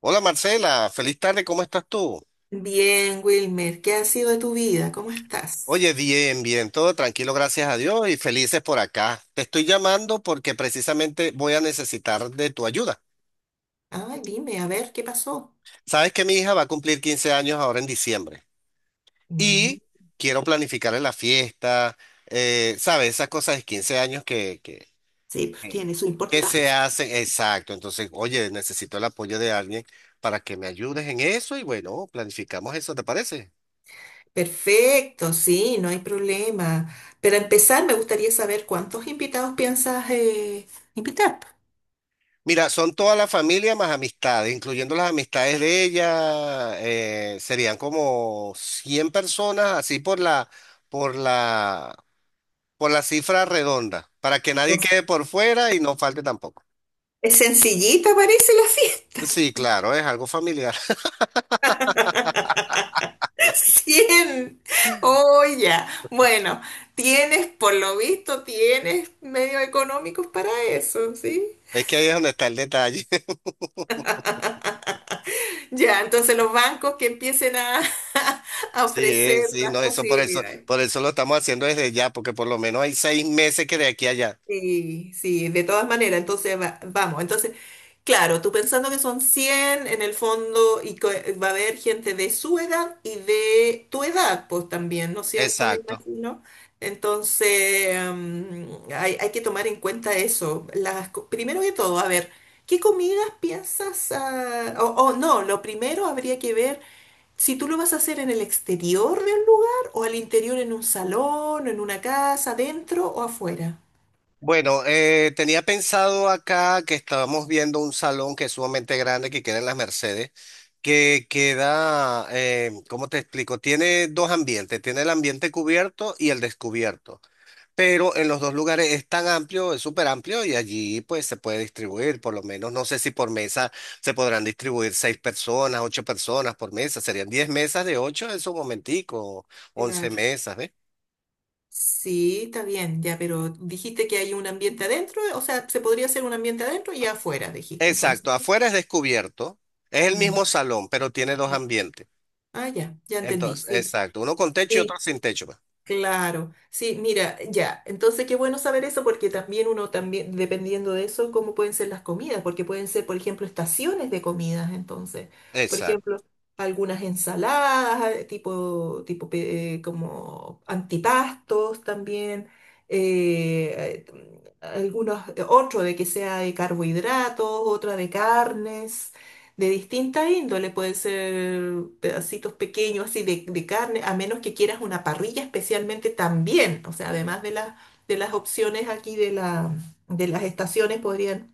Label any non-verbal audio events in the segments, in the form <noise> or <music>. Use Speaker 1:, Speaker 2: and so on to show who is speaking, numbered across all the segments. Speaker 1: Hola Marcela, feliz tarde, ¿cómo estás tú?
Speaker 2: Bien, Wilmer, ¿qué ha sido de tu vida? ¿Cómo estás?
Speaker 1: Oye, bien, bien, todo tranquilo, gracias a Dios y felices por acá. Te estoy llamando porque precisamente voy a necesitar de tu ayuda.
Speaker 2: Ah, dime, a ver, ¿qué pasó?
Speaker 1: Sabes que mi hija va a cumplir 15 años ahora en diciembre
Speaker 2: Mm.
Speaker 1: y quiero planificarle la fiesta, sabes, esas cosas de 15 años
Speaker 2: Sí, pues
Speaker 1: Sí.
Speaker 2: tiene su
Speaker 1: Que se
Speaker 2: importancia.
Speaker 1: hacen, exacto. Entonces, oye, necesito el apoyo de alguien para que me ayudes en eso y bueno, planificamos eso, ¿te parece?
Speaker 2: Perfecto, sí, no hay problema. Pero empezar, me gustaría saber cuántos invitados piensas invitar.
Speaker 1: Mira, son toda la familia más amistades, incluyendo las amistades de ella, serían como 100 personas, así por la, por la cifra redonda, para que nadie
Speaker 2: Pues,
Speaker 1: quede por fuera y no falte tampoco.
Speaker 2: es sencillita, parece la fiesta.
Speaker 1: Sí, claro, es algo familiar. <laughs>
Speaker 2: <laughs> 100. Oh, ya. Bueno, tienes, por lo visto, tienes medios económicos para eso, ¿sí?
Speaker 1: Es que ahí es donde está el detalle. <laughs>
Speaker 2: Ya, entonces los bancos que empiecen a, <laughs> a
Speaker 1: Sí,
Speaker 2: ofrecer
Speaker 1: sí,
Speaker 2: las
Speaker 1: no, eso
Speaker 2: posibilidades.
Speaker 1: por eso lo estamos haciendo desde ya, porque por lo menos hay 6 meses que de aquí a allá.
Speaker 2: Sí, sí, de todas maneras, entonces vamos, entonces, claro, tú pensando que son 100 en el fondo y que va a haber gente de su edad y de tu edad, pues también, ¿no es cierto? Me
Speaker 1: Exacto.
Speaker 2: imagino. Entonces, hay que tomar en cuenta eso. Primero que todo, a ver, ¿qué comidas piensas? Ah, o no, lo primero habría que ver. Si tú lo vas a hacer en el exterior de un lugar o al interior en un salón, en una casa, adentro o afuera.
Speaker 1: Bueno, tenía pensado acá que estábamos viendo un salón que es sumamente grande que queda en las Mercedes, que queda, ¿cómo te explico? Tiene dos ambientes, tiene el ambiente cubierto y el descubierto, pero en los dos lugares es tan amplio, es súper amplio y allí pues se puede distribuir, por lo menos no sé si por mesa se podrán distribuir seis personas, ocho personas por mesa, serían 10 mesas de ocho en su momentico, once
Speaker 2: Claro.
Speaker 1: mesas, ¿ves?
Speaker 2: Sí, está bien, ya, pero dijiste que hay un ambiente adentro, o sea, se podría hacer un ambiente adentro y afuera, dijiste
Speaker 1: Exacto,
Speaker 2: entonces.
Speaker 1: afuera es descubierto, es el
Speaker 2: Mm.
Speaker 1: mismo salón, pero tiene dos ambientes.
Speaker 2: Ah, ya, ya entendí,
Speaker 1: Entonces,
Speaker 2: sí.
Speaker 1: exacto, uno con techo y otro
Speaker 2: Sí,
Speaker 1: sin techo, pues.
Speaker 2: claro, sí, mira, ya. Entonces, qué bueno saber eso porque también uno también, dependiendo de eso, cómo pueden ser las comidas, porque pueden ser, por ejemplo, estaciones de comidas, entonces. Por
Speaker 1: Exacto.
Speaker 2: ejemplo, algunas ensaladas, tipo como antipastos también, algunos, otro de que sea de carbohidratos, otra de carnes. De distinta índole, pueden ser pedacitos pequeños así de carne, a menos que quieras una parrilla especialmente también. O sea, además de las opciones aquí de las estaciones, podrían,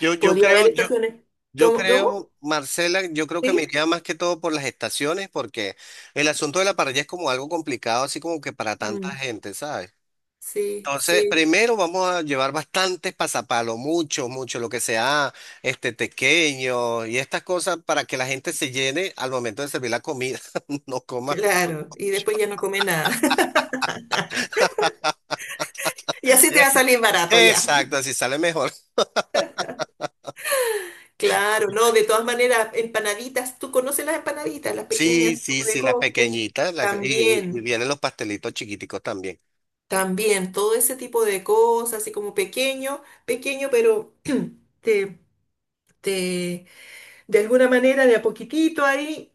Speaker 1: Yo, yo
Speaker 2: podría
Speaker 1: creo,
Speaker 2: haber
Speaker 1: yo,
Speaker 2: estaciones.
Speaker 1: yo
Speaker 2: ¿Cómo? ¿Cómo?
Speaker 1: creo, Marcela, yo creo que me
Speaker 2: ¿Sí?
Speaker 1: iría más que todo por las estaciones, porque el asunto de la parrilla es como algo complicado, así como que para tanta
Speaker 2: Mm,
Speaker 1: gente, ¿sabes?
Speaker 2: sí,
Speaker 1: Entonces,
Speaker 2: sí,
Speaker 1: primero vamos a llevar bastantes pasapalos, mucho, mucho, lo que sea, este tequeño y estas cosas para que la gente se llene al momento de servir la comida, <laughs> no coma.
Speaker 2: claro. Y después ya no come nada. <laughs> Y así te va a
Speaker 1: <laughs>
Speaker 2: salir barato ya.
Speaker 1: Exacto, así sale mejor.
Speaker 2: Claro, no, de todas maneras, empanaditas, tú conoces las empanaditas, las pequeñas
Speaker 1: Sí, sí,
Speaker 2: como de
Speaker 1: sí, la
Speaker 2: cóctel,
Speaker 1: pequeñita, y
Speaker 2: también.
Speaker 1: vienen los pastelitos chiquiticos también.
Speaker 2: También todo ese tipo de cosas, así como pequeño, pequeño, pero <clears throat> te, te- de alguna manera, de a poquitito ahí,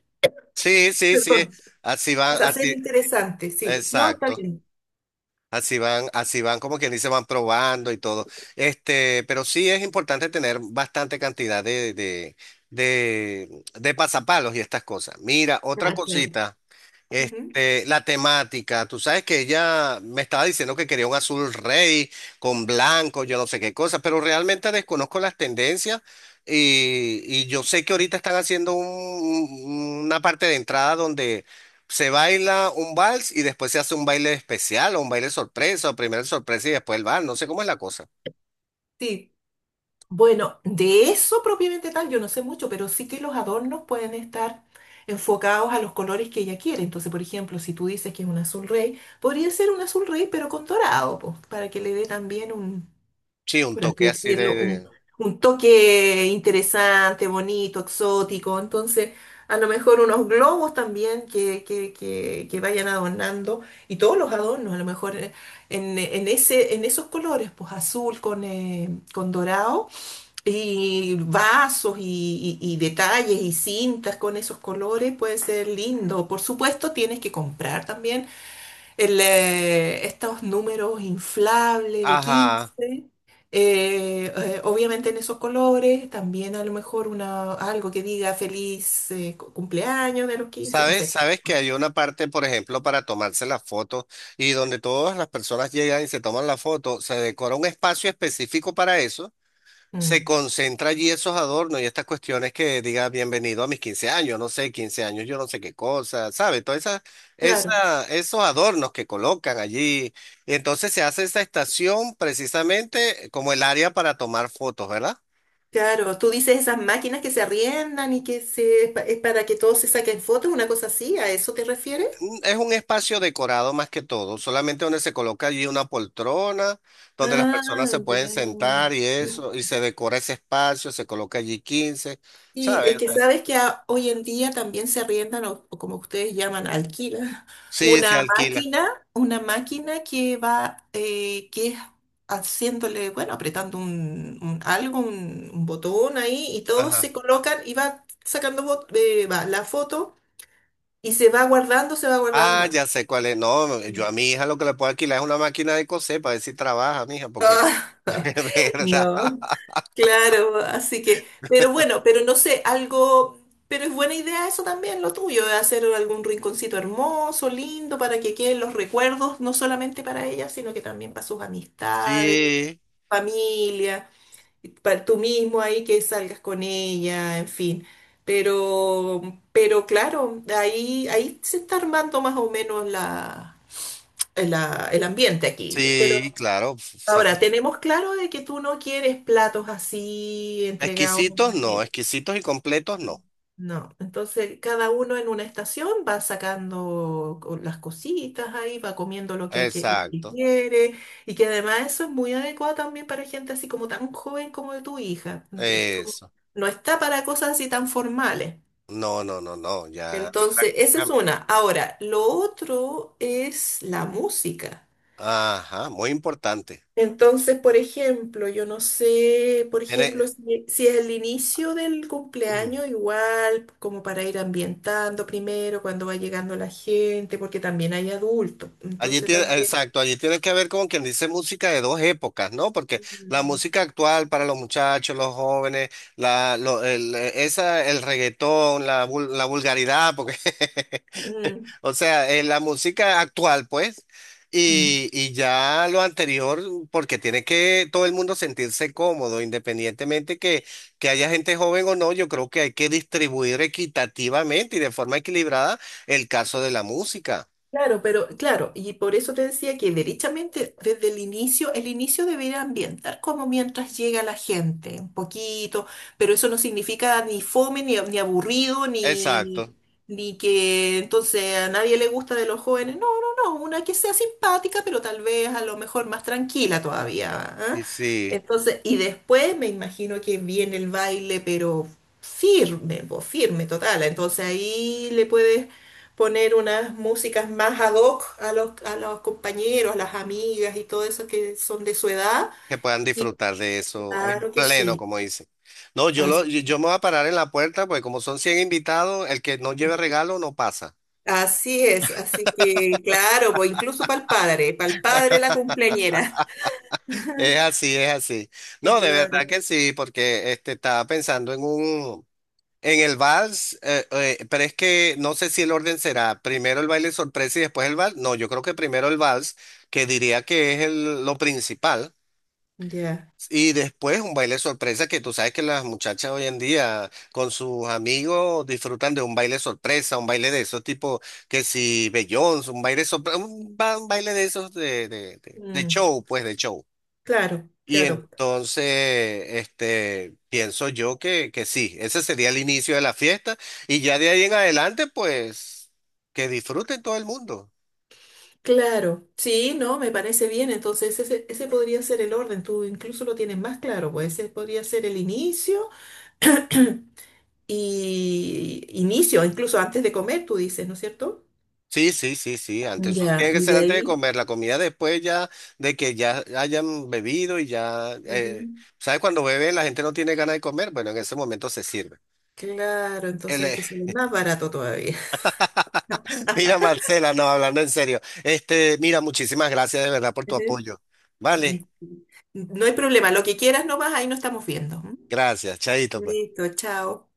Speaker 1: Sí, sí, sí,
Speaker 2: perdón,
Speaker 1: así van,
Speaker 2: vas a ser
Speaker 1: así,
Speaker 2: interesante, sí, ¿no? Está
Speaker 1: exacto,
Speaker 2: bien.
Speaker 1: así van, como quien dice, van probando y todo. Este, pero sí es importante tener bastante cantidad de pasapalos y estas cosas. Mira, otra
Speaker 2: Ah, claro.
Speaker 1: cosita.
Speaker 2: Ujú.
Speaker 1: Este, la temática, tú sabes que ella me estaba diciendo que quería un azul rey con blanco, yo no sé qué cosa, pero realmente desconozco las tendencias y yo sé que ahorita están haciendo una parte de entrada donde se baila un vals y después se hace un baile especial o un baile sorpresa, o primero el sorpresa y después el vals, no sé cómo es la cosa.
Speaker 2: Sí. Bueno, de eso propiamente tal, yo no sé mucho, pero sí que los adornos pueden estar enfocados a los colores que ella quiere. Entonces, por ejemplo, si tú dices que es un azul rey, podría ser un azul rey, pero con dorado, pues, para que le dé también un,
Speaker 1: Sí, un
Speaker 2: por así
Speaker 1: toque así de
Speaker 2: decirlo, un, un toque interesante, bonito, exótico. Entonces, a lo mejor unos globos también que vayan adornando y todos los adornos, a lo mejor en esos colores, pues azul con dorado y vasos y, y detalles y cintas con esos colores puede ser lindo. Por supuesto, tienes que comprar también estos números inflables de 15
Speaker 1: Ajá.
Speaker 2: obviamente en esos colores, también a lo mejor algo que diga feliz cumpleaños de los 15, no
Speaker 1: Sabes,
Speaker 2: sé.
Speaker 1: sabes que hay una parte, por ejemplo, para tomarse las fotos y donde todas las personas llegan y se toman la foto, se decora un espacio específico para eso, se
Speaker 2: Mm.
Speaker 1: concentra allí esos adornos y estas cuestiones que diga bienvenido a mis 15 años, no sé, 15 años, yo no sé qué cosa, ¿sabes? Todas esas,
Speaker 2: Claro,
Speaker 1: esos adornos que colocan allí. Y entonces se hace esa estación precisamente como el área para tomar fotos, ¿verdad?
Speaker 2: claro, tú dices esas máquinas que se arriendan y que es para que todos se saquen fotos, una cosa así, ¿a eso te refieres?
Speaker 1: Es un espacio decorado más que todo, solamente donde se coloca allí una poltrona, donde las personas
Speaker 2: Ah,
Speaker 1: se pueden sentar y
Speaker 2: ya.
Speaker 1: eso, y se decora ese espacio, se coloca allí 15,
Speaker 2: Y
Speaker 1: ¿sabes?
Speaker 2: es
Speaker 1: O
Speaker 2: que
Speaker 1: sea,
Speaker 2: sabes que hoy en día también se arriendan, o como ustedes llaman, alquilan, <laughs>
Speaker 1: sí, se alquila.
Speaker 2: una máquina que va, que es haciéndole, bueno, apretando un algo, un botón ahí, y todos
Speaker 1: Ajá.
Speaker 2: se colocan y va sacando va, la foto, y se va guardando, se va
Speaker 1: Ah,
Speaker 2: guardando.
Speaker 1: ya sé cuál es. No, yo a mi
Speaker 2: <laughs>
Speaker 1: hija lo que le puedo alquilar es una máquina de coser para ver si trabaja, mija, porque <laughs> es verdad.
Speaker 2: No. Claro, así que, pero bueno, pero no sé, algo, pero es buena idea eso también, lo tuyo, de hacer algún rinconcito hermoso, lindo, para que queden los recuerdos, no solamente para ella, sino que también para sus amistades,
Speaker 1: Sí,
Speaker 2: familia, y para tú mismo ahí que salgas con ella, en fin. Pero, pero claro, ahí se está armando más o menos la, el ambiente aquí.
Speaker 1: sí, claro. O sea,
Speaker 2: Ahora, tenemos claro de que tú no quieres platos así entregados en
Speaker 1: exquisitos
Speaker 2: una
Speaker 1: no,
Speaker 2: mesa.
Speaker 1: exquisitos y completos no.
Speaker 2: No, entonces cada uno en una estación va sacando las cositas ahí, va comiendo lo que
Speaker 1: Exacto.
Speaker 2: quiere y que además eso es muy adecuado también para gente así como tan joven como de tu hija. Es
Speaker 1: Eso.
Speaker 2: no está para cosas así tan formales.
Speaker 1: No, no, no, no, ya.
Speaker 2: Entonces, esa es una. Ahora, lo otro es la música.
Speaker 1: Ajá, muy importante.
Speaker 2: Entonces, por ejemplo, yo no sé, por
Speaker 1: Tiene,
Speaker 2: ejemplo, si es el inicio del cumpleaños,
Speaker 1: <clears throat>
Speaker 2: igual, como para ir ambientando primero, cuando va llegando la gente, porque también hay adultos.
Speaker 1: allí
Speaker 2: Entonces
Speaker 1: tiene,
Speaker 2: también.
Speaker 1: exacto, allí tiene que ver con quien dice música de dos épocas, ¿no? Porque la
Speaker 2: Mm,
Speaker 1: música actual para los muchachos, los jóvenes, la, el, esa, el reggaetón, la, la vulgaridad, porque
Speaker 2: mm,
Speaker 1: <laughs> o sea, la música actual, pues,
Speaker 2: mm.
Speaker 1: y ya lo anterior, porque tiene que todo el mundo sentirse cómodo, independientemente que haya gente joven o no, yo creo que hay que distribuir equitativamente y de forma equilibrada el caso de la música.
Speaker 2: Claro, pero claro, y por eso te decía que derechamente desde el inicio debería ambientar como mientras llega la gente, un poquito, pero eso no significa ni fome, ni aburrido, ni, ni,
Speaker 1: Exacto.
Speaker 2: ni que entonces a nadie le gusta de los jóvenes. No, no, no, una que sea simpática, pero tal vez a lo mejor más tranquila todavía, ¿ah?
Speaker 1: Y sí,
Speaker 2: Entonces, y después me imagino que viene el baile, pero firme, pues, firme, total. Entonces ahí le puedes poner unas músicas más ad hoc a los compañeros, a las amigas y todo eso que son de su edad.
Speaker 1: que puedan
Speaker 2: Y
Speaker 1: disfrutar de eso en
Speaker 2: claro que
Speaker 1: pleno,
Speaker 2: sí.
Speaker 1: como dice. No, yo,
Speaker 2: Así,
Speaker 1: lo, yo me voy a parar en la puerta, pues como son 100 invitados, el que no
Speaker 2: es,
Speaker 1: lleve regalo no pasa.
Speaker 2: así es. Así que, claro, pues incluso para el padre la cumpleañera. <laughs>
Speaker 1: Es así, es así.
Speaker 2: Sí,
Speaker 1: No, de verdad
Speaker 2: claro.
Speaker 1: que sí, porque este estaba pensando en un en el vals, pero es que no sé si el orden será primero el baile sorpresa y después el vals. No, yo creo que primero el vals, que diría que es lo principal,
Speaker 2: Ya.
Speaker 1: y después un baile sorpresa que tú sabes que las muchachas hoy en día con sus amigos disfrutan de un baile sorpresa, un baile de esos tipo que si Beyoncé, un baile sorpresa, un baile de esos de
Speaker 2: Mm,
Speaker 1: show, pues de show.
Speaker 2: claro,
Speaker 1: Y
Speaker 2: claro.
Speaker 1: entonces, este, pienso yo que sí, ese sería el inicio de la fiesta y ya de ahí en adelante, pues, que disfruten todo el mundo.
Speaker 2: Claro. Sí, no, me parece bien. Entonces, ese podría ser el orden. Tú incluso lo tienes más claro, pues ese podría ser el inicio. <clears throat> Y inicio, incluso antes de comer, tú dices, ¿no es cierto?
Speaker 1: Sí, sí, sí, sí, antes, eso
Speaker 2: Ya.
Speaker 1: tiene que
Speaker 2: Y
Speaker 1: ser
Speaker 2: de
Speaker 1: antes de
Speaker 2: ahí,
Speaker 1: comer, la comida después ya de que ya hayan bebido y ya,
Speaker 2: ujú.
Speaker 1: ¿sabes? Cuando bebe la gente no tiene ganas de comer, bueno, en ese momento se sirve.
Speaker 2: Claro, entonces
Speaker 1: El,
Speaker 2: ahí te sale más barato todavía.
Speaker 1: <laughs> mira, Marcela, no, hablando en serio, este, mira, muchísimas gracias de verdad por tu
Speaker 2: <laughs>
Speaker 1: apoyo. Vale,
Speaker 2: Ujú. No hay problema, lo que quieras nomás, ahí no estamos viendo. ¿M?
Speaker 1: gracias, Chaito, pues.
Speaker 2: Listo, chao.